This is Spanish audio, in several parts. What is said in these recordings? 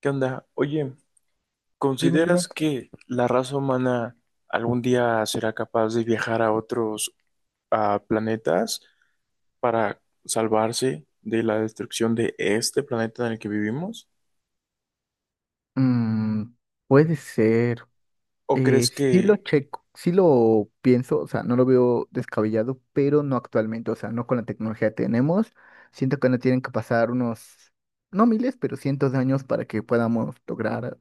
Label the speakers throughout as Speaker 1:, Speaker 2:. Speaker 1: ¿Qué onda? Oye,
Speaker 2: Dime, dime.
Speaker 1: ¿consideras que la raza humana algún día será capaz de viajar a otros planetas para salvarse de la destrucción de este planeta en el que vivimos?
Speaker 2: Mm, puede ser.
Speaker 1: ¿O crees
Speaker 2: Sí lo
Speaker 1: que,
Speaker 2: checo, sí lo pienso, o sea, no lo veo descabellado, pero no actualmente, o sea, no con la tecnología que tenemos. Siento que no tienen que pasar unos, no miles, pero cientos de años para que podamos lograr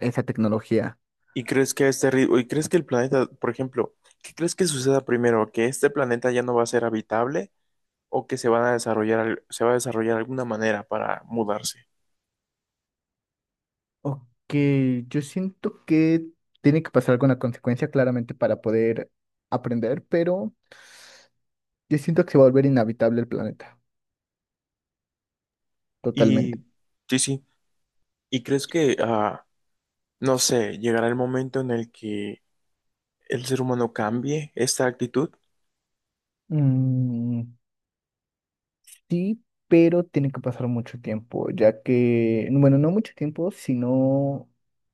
Speaker 2: esa tecnología.
Speaker 1: y crees que a este ritmo, y crees que el planeta, por ejemplo, qué crees que suceda primero? ¿Que este planeta ya no va a ser habitable o que se van a desarrollar, se va a desarrollar alguna manera para mudarse?
Speaker 2: Ok, yo siento que tiene que pasar alguna consecuencia claramente para poder aprender, pero yo siento que se va a volver inhabitable el planeta,
Speaker 1: Y
Speaker 2: totalmente.
Speaker 1: sí, sí. ¿Y crees que, no sé, llegará el momento en el que el ser humano cambie esta actitud?
Speaker 2: Mm, sí, pero tiene que pasar mucho tiempo, ya que, bueno, no mucho tiempo, sino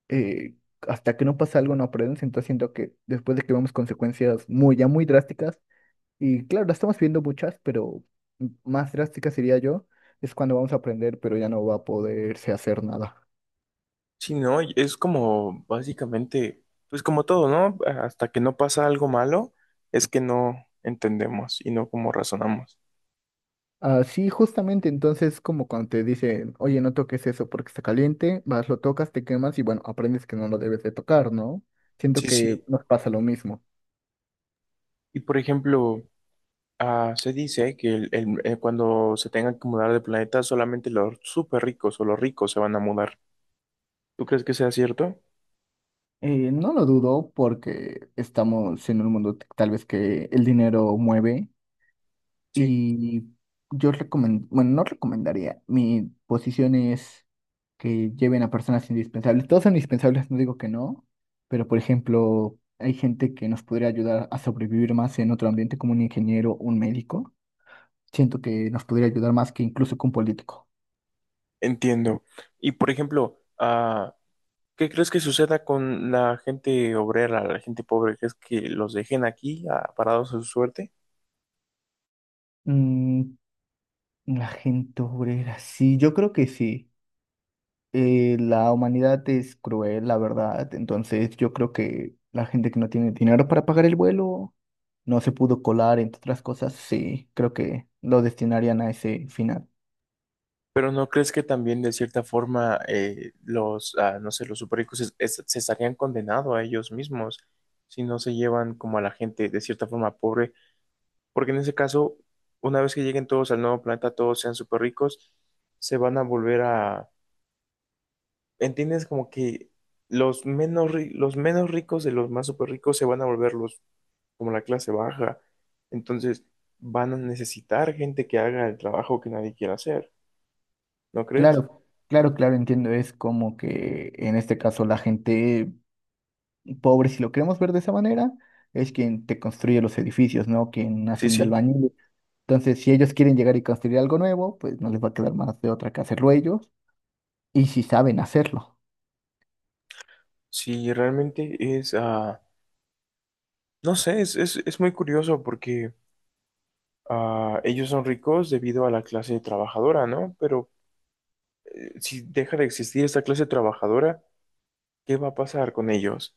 Speaker 2: eh, hasta que no pasa algo no aprendes, entonces siento que después de que vemos consecuencias muy, ya muy drásticas, y claro, las estamos viendo muchas, pero más drásticas sería yo, es cuando vamos a aprender, pero ya no va a poderse hacer nada.
Speaker 1: Si no, es como básicamente, pues como todo, ¿no? Hasta que no pasa algo malo, es que no entendemos y no como razonamos.
Speaker 2: Así justamente, entonces como cuando te dicen, oye, no toques eso porque está caliente, vas, lo tocas, te quemas y bueno, aprendes que no lo debes de tocar, ¿no? Siento
Speaker 1: Sí,
Speaker 2: que
Speaker 1: sí.
Speaker 2: nos pasa lo mismo.
Speaker 1: Y por ejemplo, se dice que cuando se tengan que mudar de planeta, solamente los súper ricos o los ricos se van a mudar. ¿Tú crees que sea cierto?
Speaker 2: No lo dudo porque estamos en un mundo tal vez que el dinero mueve
Speaker 1: Sí,
Speaker 2: y yo recomendaría, bueno, no recomendaría, mi posición es que lleven a personas indispensables. Todos son indispensables, no digo que no, pero por ejemplo, hay gente que nos podría ayudar a sobrevivir más en otro ambiente como un ingeniero, un médico. Siento que nos podría ayudar más que incluso que un político.
Speaker 1: entiendo. Y por ejemplo, ¿qué crees que suceda con la gente obrera, la gente pobre? ¿Crees que los dejen aquí, parados a su suerte?
Speaker 2: Mm, la gente obrera, sí, yo creo que sí. La humanidad es cruel, la verdad. Entonces yo creo que la gente que no tiene dinero para pagar el vuelo no se pudo colar, entre otras cosas. Sí, creo que lo destinarían a ese final.
Speaker 1: Pero ¿no crees que también de cierta forma, los, no sé, los superricos se estarían condenados a ellos mismos si no se llevan como a la gente de cierta forma pobre? Porque en ese caso, una vez que lleguen todos al nuevo planeta, todos sean superricos, se van a volver a, ¿entiendes? Como que los menos, los menos ricos de los más súper ricos se van a volver los, como la clase baja. Entonces van a necesitar gente que haga el trabajo que nadie quiere hacer, ¿no crees?
Speaker 2: Claro, claro, claro, entiendo. Es como que en este caso la gente pobre, si lo queremos ver de esa manera, es quien te construye los edificios, ¿no? Quien
Speaker 1: Sí,
Speaker 2: hacen de
Speaker 1: sí.
Speaker 2: albañil. Entonces, si ellos quieren llegar y construir algo nuevo, pues no les va a quedar más de otra que hacerlo ellos. Y si saben hacerlo.
Speaker 1: Sí, realmente es, no sé, es muy curioso porque, ellos son ricos debido a la clase trabajadora, ¿no? Pero, si deja de existir esta clase trabajadora, ¿qué va a pasar con ellos?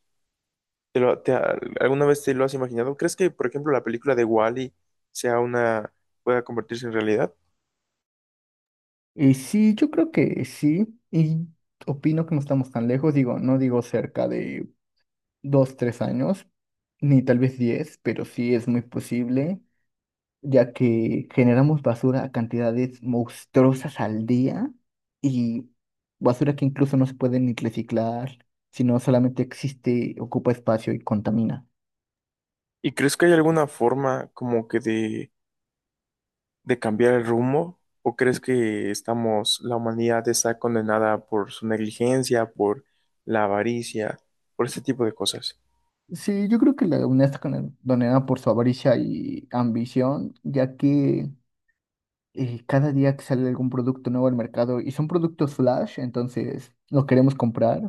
Speaker 1: ¿Te lo- te- ¿Alguna vez te lo has imaginado? ¿Crees que, por ejemplo, la película de Wall-E sea una, pueda convertirse en realidad?
Speaker 2: Y sí, yo creo que sí, y opino que no estamos tan lejos, digo, no digo cerca de dos, tres años, ni tal vez diez, pero sí es muy posible, ya que generamos basura a cantidades monstruosas al día y basura que incluso no se puede ni reciclar, sino solamente existe, ocupa espacio y contamina.
Speaker 1: ¿Y crees que hay alguna forma como que de cambiar el rumbo? ¿O crees que estamos, la humanidad está condenada por su negligencia, por la avaricia, por este tipo de cosas?
Speaker 2: Sí, yo creo que la UNESCO está condenada por su avaricia y ambición, ya que cada día que sale algún producto nuevo al mercado y son productos flash, entonces los queremos comprar,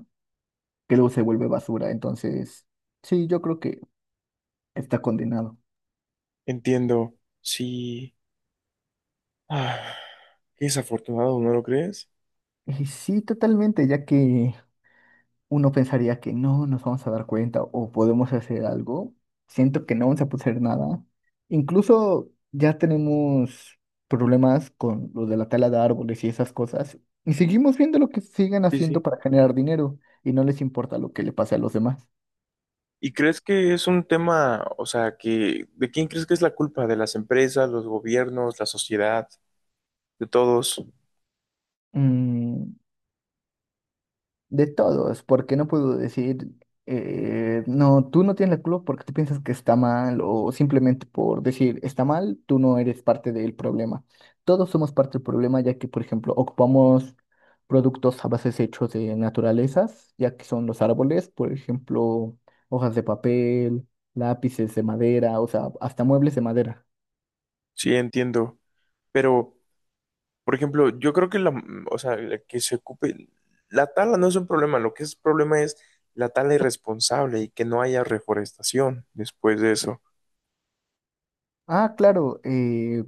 Speaker 2: que luego se vuelve basura. Entonces, sí, yo creo que está condenado.
Speaker 1: Entiendo, sí. Ah, qué desafortunado, ¿no lo crees?
Speaker 2: Y sí, totalmente, ya que uno pensaría que no nos vamos a dar cuenta o podemos hacer algo, siento que no vamos a poder hacer nada. Incluso ya tenemos problemas con lo de la tala de árboles y esas cosas, y seguimos viendo lo que siguen
Speaker 1: Sí,
Speaker 2: haciendo
Speaker 1: sí.
Speaker 2: para generar dinero y no les importa lo que le pase a los demás.
Speaker 1: ¿Y crees que es un tema, o sea, que de quién crees que es la culpa? ¿De las empresas, los gobiernos, la sociedad, de todos?
Speaker 2: Mm, de todos, porque no puedo decir, no, tú no tienes la culpa porque tú piensas que está mal o simplemente por decir está mal, tú no eres parte del problema. Todos somos parte del problema ya que, por ejemplo, ocupamos productos a bases hechos de naturalezas, ya que son los árboles, por ejemplo, hojas de papel, lápices de madera, o sea, hasta muebles de madera.
Speaker 1: Sí, entiendo. Pero, por ejemplo, yo creo que la, o sea, la que se ocupe, la tala no es un problema, lo que es problema es la tala irresponsable y que no haya reforestación después de eso.
Speaker 2: Ah, claro,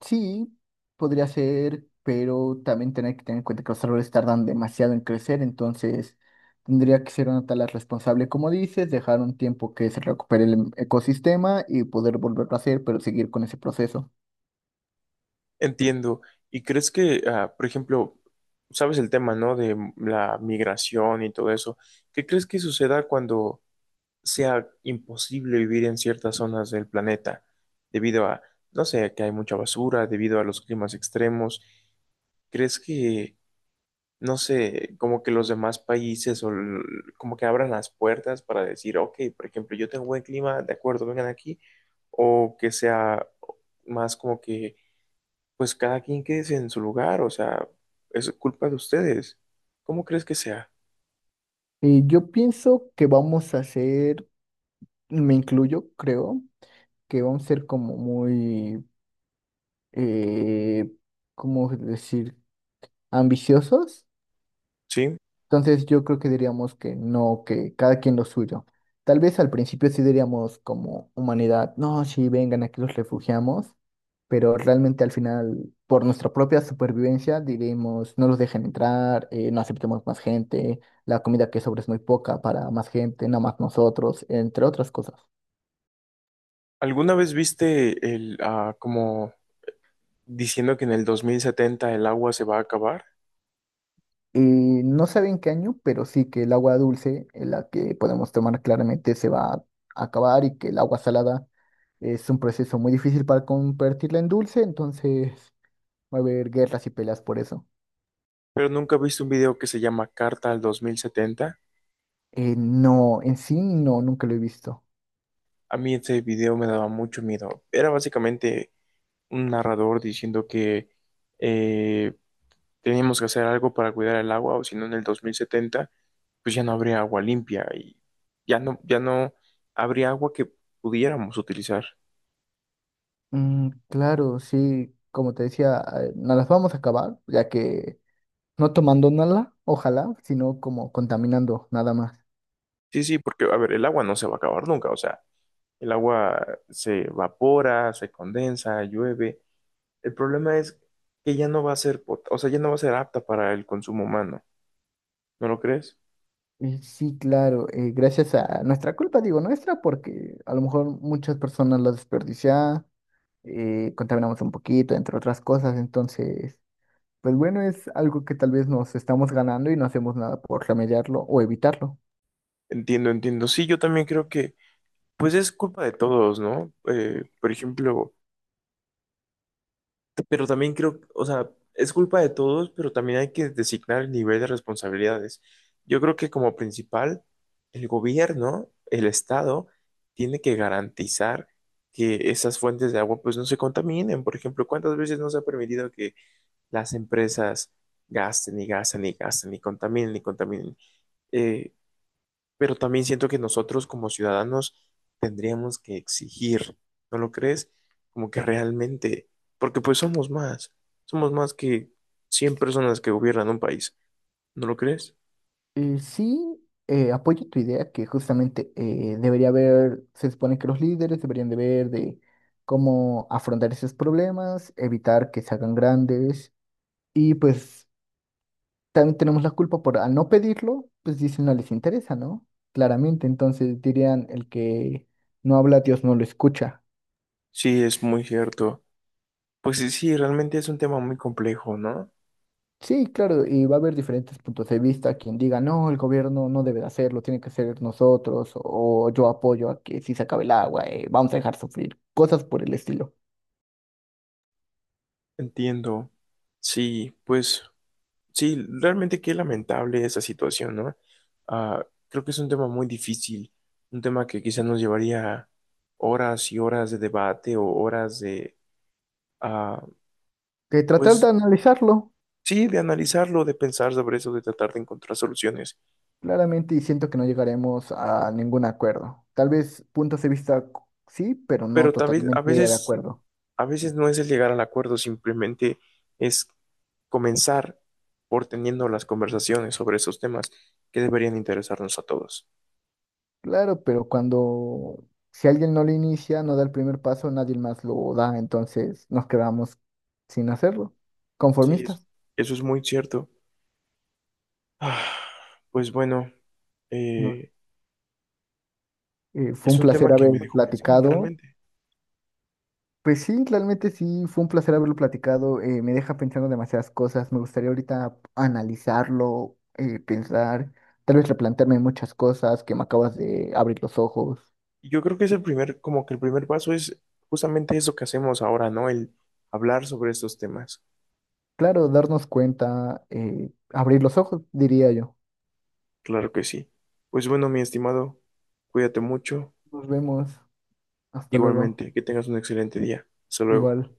Speaker 2: sí, podría ser, pero también tener que tener en cuenta que los árboles tardan demasiado en crecer, entonces tendría que ser una tala responsable, como dices, dejar un tiempo que se recupere el ecosistema y poder volverlo a hacer, pero seguir con ese proceso.
Speaker 1: Entiendo. ¿Y crees que, por ejemplo, sabes el tema, ¿no? De la migración y todo eso. ¿Qué crees que suceda cuando sea imposible vivir en ciertas zonas del planeta debido a, no sé, que hay mucha basura, debido a los climas extremos? ¿Crees que, no sé, como que los demás países o como que abran las puertas para decir, ok, por ejemplo, yo tengo buen clima, de acuerdo, vengan aquí, o que sea más como que, pues cada quien quede en su lugar, o sea, es culpa de ustedes? ¿Cómo crees que sea?
Speaker 2: Y yo pienso que vamos a hacer, me incluyo, creo, que vamos a ser como muy, eh, ¿cómo decir?, ambiciosos.
Speaker 1: ¿Sí?
Speaker 2: Entonces yo creo que diríamos que no, que cada quien lo suyo. Tal vez al principio sí diríamos como humanidad, no, sí, vengan, aquí los refugiamos, pero realmente al final, por nuestra propia supervivencia, diríamos, no los dejen entrar, no aceptemos más gente, la comida que sobra es muy poca para más gente, nada más nosotros, entre otras cosas.
Speaker 1: ¿Alguna vez viste el, como diciendo que en el 2070 el agua se va a acabar,
Speaker 2: Y no sabe en qué año, pero sí que el agua dulce, en la que podemos tomar claramente, se va a acabar y que el agua salada es un proceso muy difícil para convertirla en dulce, entonces va a haber guerras y peleas por eso.
Speaker 1: pero nunca he visto un video que se llama Carta al 2070?
Speaker 2: No, en sí no, nunca lo he visto.
Speaker 1: A mí ese video me daba mucho miedo. Era básicamente un narrador diciendo que, eh, teníamos que hacer algo para cuidar el agua, o si no, en el 2070, pues ya no habría agua limpia y ya no, ya no habría agua que pudiéramos utilizar.
Speaker 2: Mm, claro, sí, como te decía, no las vamos a acabar, ya que no tomando nada, ojalá, sino como contaminando nada más.
Speaker 1: Sí, sí, porque, a ver, el agua no se va a acabar nunca, o sea, el agua se evapora, se condensa, llueve. El problema es que ya no va a ser, o sea, ya no va a ser apta para el consumo humano, ¿no lo crees?
Speaker 2: Sí, claro, gracias a nuestra culpa, digo nuestra, porque a lo mejor muchas personas la desperdiciaban, contaminamos un poquito, entre otras cosas, entonces, pues bueno, es algo que tal vez nos estamos ganando y no hacemos nada por remediarlo o evitarlo.
Speaker 1: Entiendo, entiendo. Sí, yo también creo que, pues es culpa de todos, ¿no? Por ejemplo, pero también creo, o sea, es culpa de todos, pero también hay que designar el nivel de responsabilidades. Yo creo que como principal, el gobierno, el Estado, tiene que garantizar que esas fuentes de agua, pues no se contaminen. Por ejemplo, ¿cuántas veces nos ha permitido las empresas gasten y gasten y gasten y contaminen y contaminen? Eh, pero también siento que nosotros como ciudadanos tendríamos que exigir, ¿no lo crees? Como que realmente, porque pues somos más que 100 personas que gobiernan un país, ¿no lo crees?
Speaker 2: Sí, apoyo tu idea que justamente debería haber, se supone que los líderes deberían de ver de cómo afrontar esos problemas, evitar que se hagan grandes y pues también tenemos la culpa por al no pedirlo, pues dicen no les interesa, ¿no? Claramente, entonces dirían el que no habla, Dios no lo escucha.
Speaker 1: Sí, es muy cierto. Pues sí, sí, realmente es un tema muy complejo, ¿no?
Speaker 2: Sí, claro, y va a haber diferentes puntos de vista, quien diga, no, el gobierno no debe de hacerlo, tiene que ser nosotros, o yo apoyo a que si se acabe el agua, vamos a dejar sufrir, cosas por el estilo.
Speaker 1: Entiendo. Sí, pues sí, realmente qué lamentable esa situación, ¿no? Creo que es un tema muy difícil, un tema que quizás nos llevaría horas y horas de debate o horas de, ah,
Speaker 2: Que tratar de
Speaker 1: pues
Speaker 2: analizarlo,
Speaker 1: sí, de analizarlo, de pensar sobre eso, de tratar de encontrar soluciones.
Speaker 2: claramente, y siento que no llegaremos a ningún acuerdo. Tal vez puntos de vista sí, pero no
Speaker 1: Pero también
Speaker 2: totalmente de acuerdo.
Speaker 1: a veces no es el llegar al acuerdo, simplemente es comenzar por teniendo las conversaciones sobre esos temas que deberían interesarnos a todos.
Speaker 2: Claro, pero cuando si alguien no lo inicia, no da el primer paso, nadie más lo da, entonces nos quedamos sin hacerlo,
Speaker 1: Sí,
Speaker 2: conformistas.
Speaker 1: eso es muy cierto. Ah, Pues bueno,
Speaker 2: No.
Speaker 1: eh,
Speaker 2: Fue
Speaker 1: es
Speaker 2: un
Speaker 1: un
Speaker 2: placer
Speaker 1: tema que
Speaker 2: haber
Speaker 1: me dejó pensando
Speaker 2: platicado.
Speaker 1: realmente.
Speaker 2: Pues sí, realmente sí, fue un placer haberlo platicado. Me deja pensando demasiadas cosas. Me gustaría ahorita analizarlo, pensar, tal vez replantearme muchas cosas que me acabas de abrir los ojos.
Speaker 1: Y yo creo que es el primer, como que el primer paso es justamente eso que hacemos ahora, ¿no? El hablar sobre estos temas.
Speaker 2: Claro, darnos cuenta, abrir los ojos, diría yo.
Speaker 1: Claro que sí. Pues bueno, mi estimado, cuídate mucho.
Speaker 2: Nos vemos. Hasta luego.
Speaker 1: Igualmente, que tengas un excelente día. Hasta luego.
Speaker 2: Igual.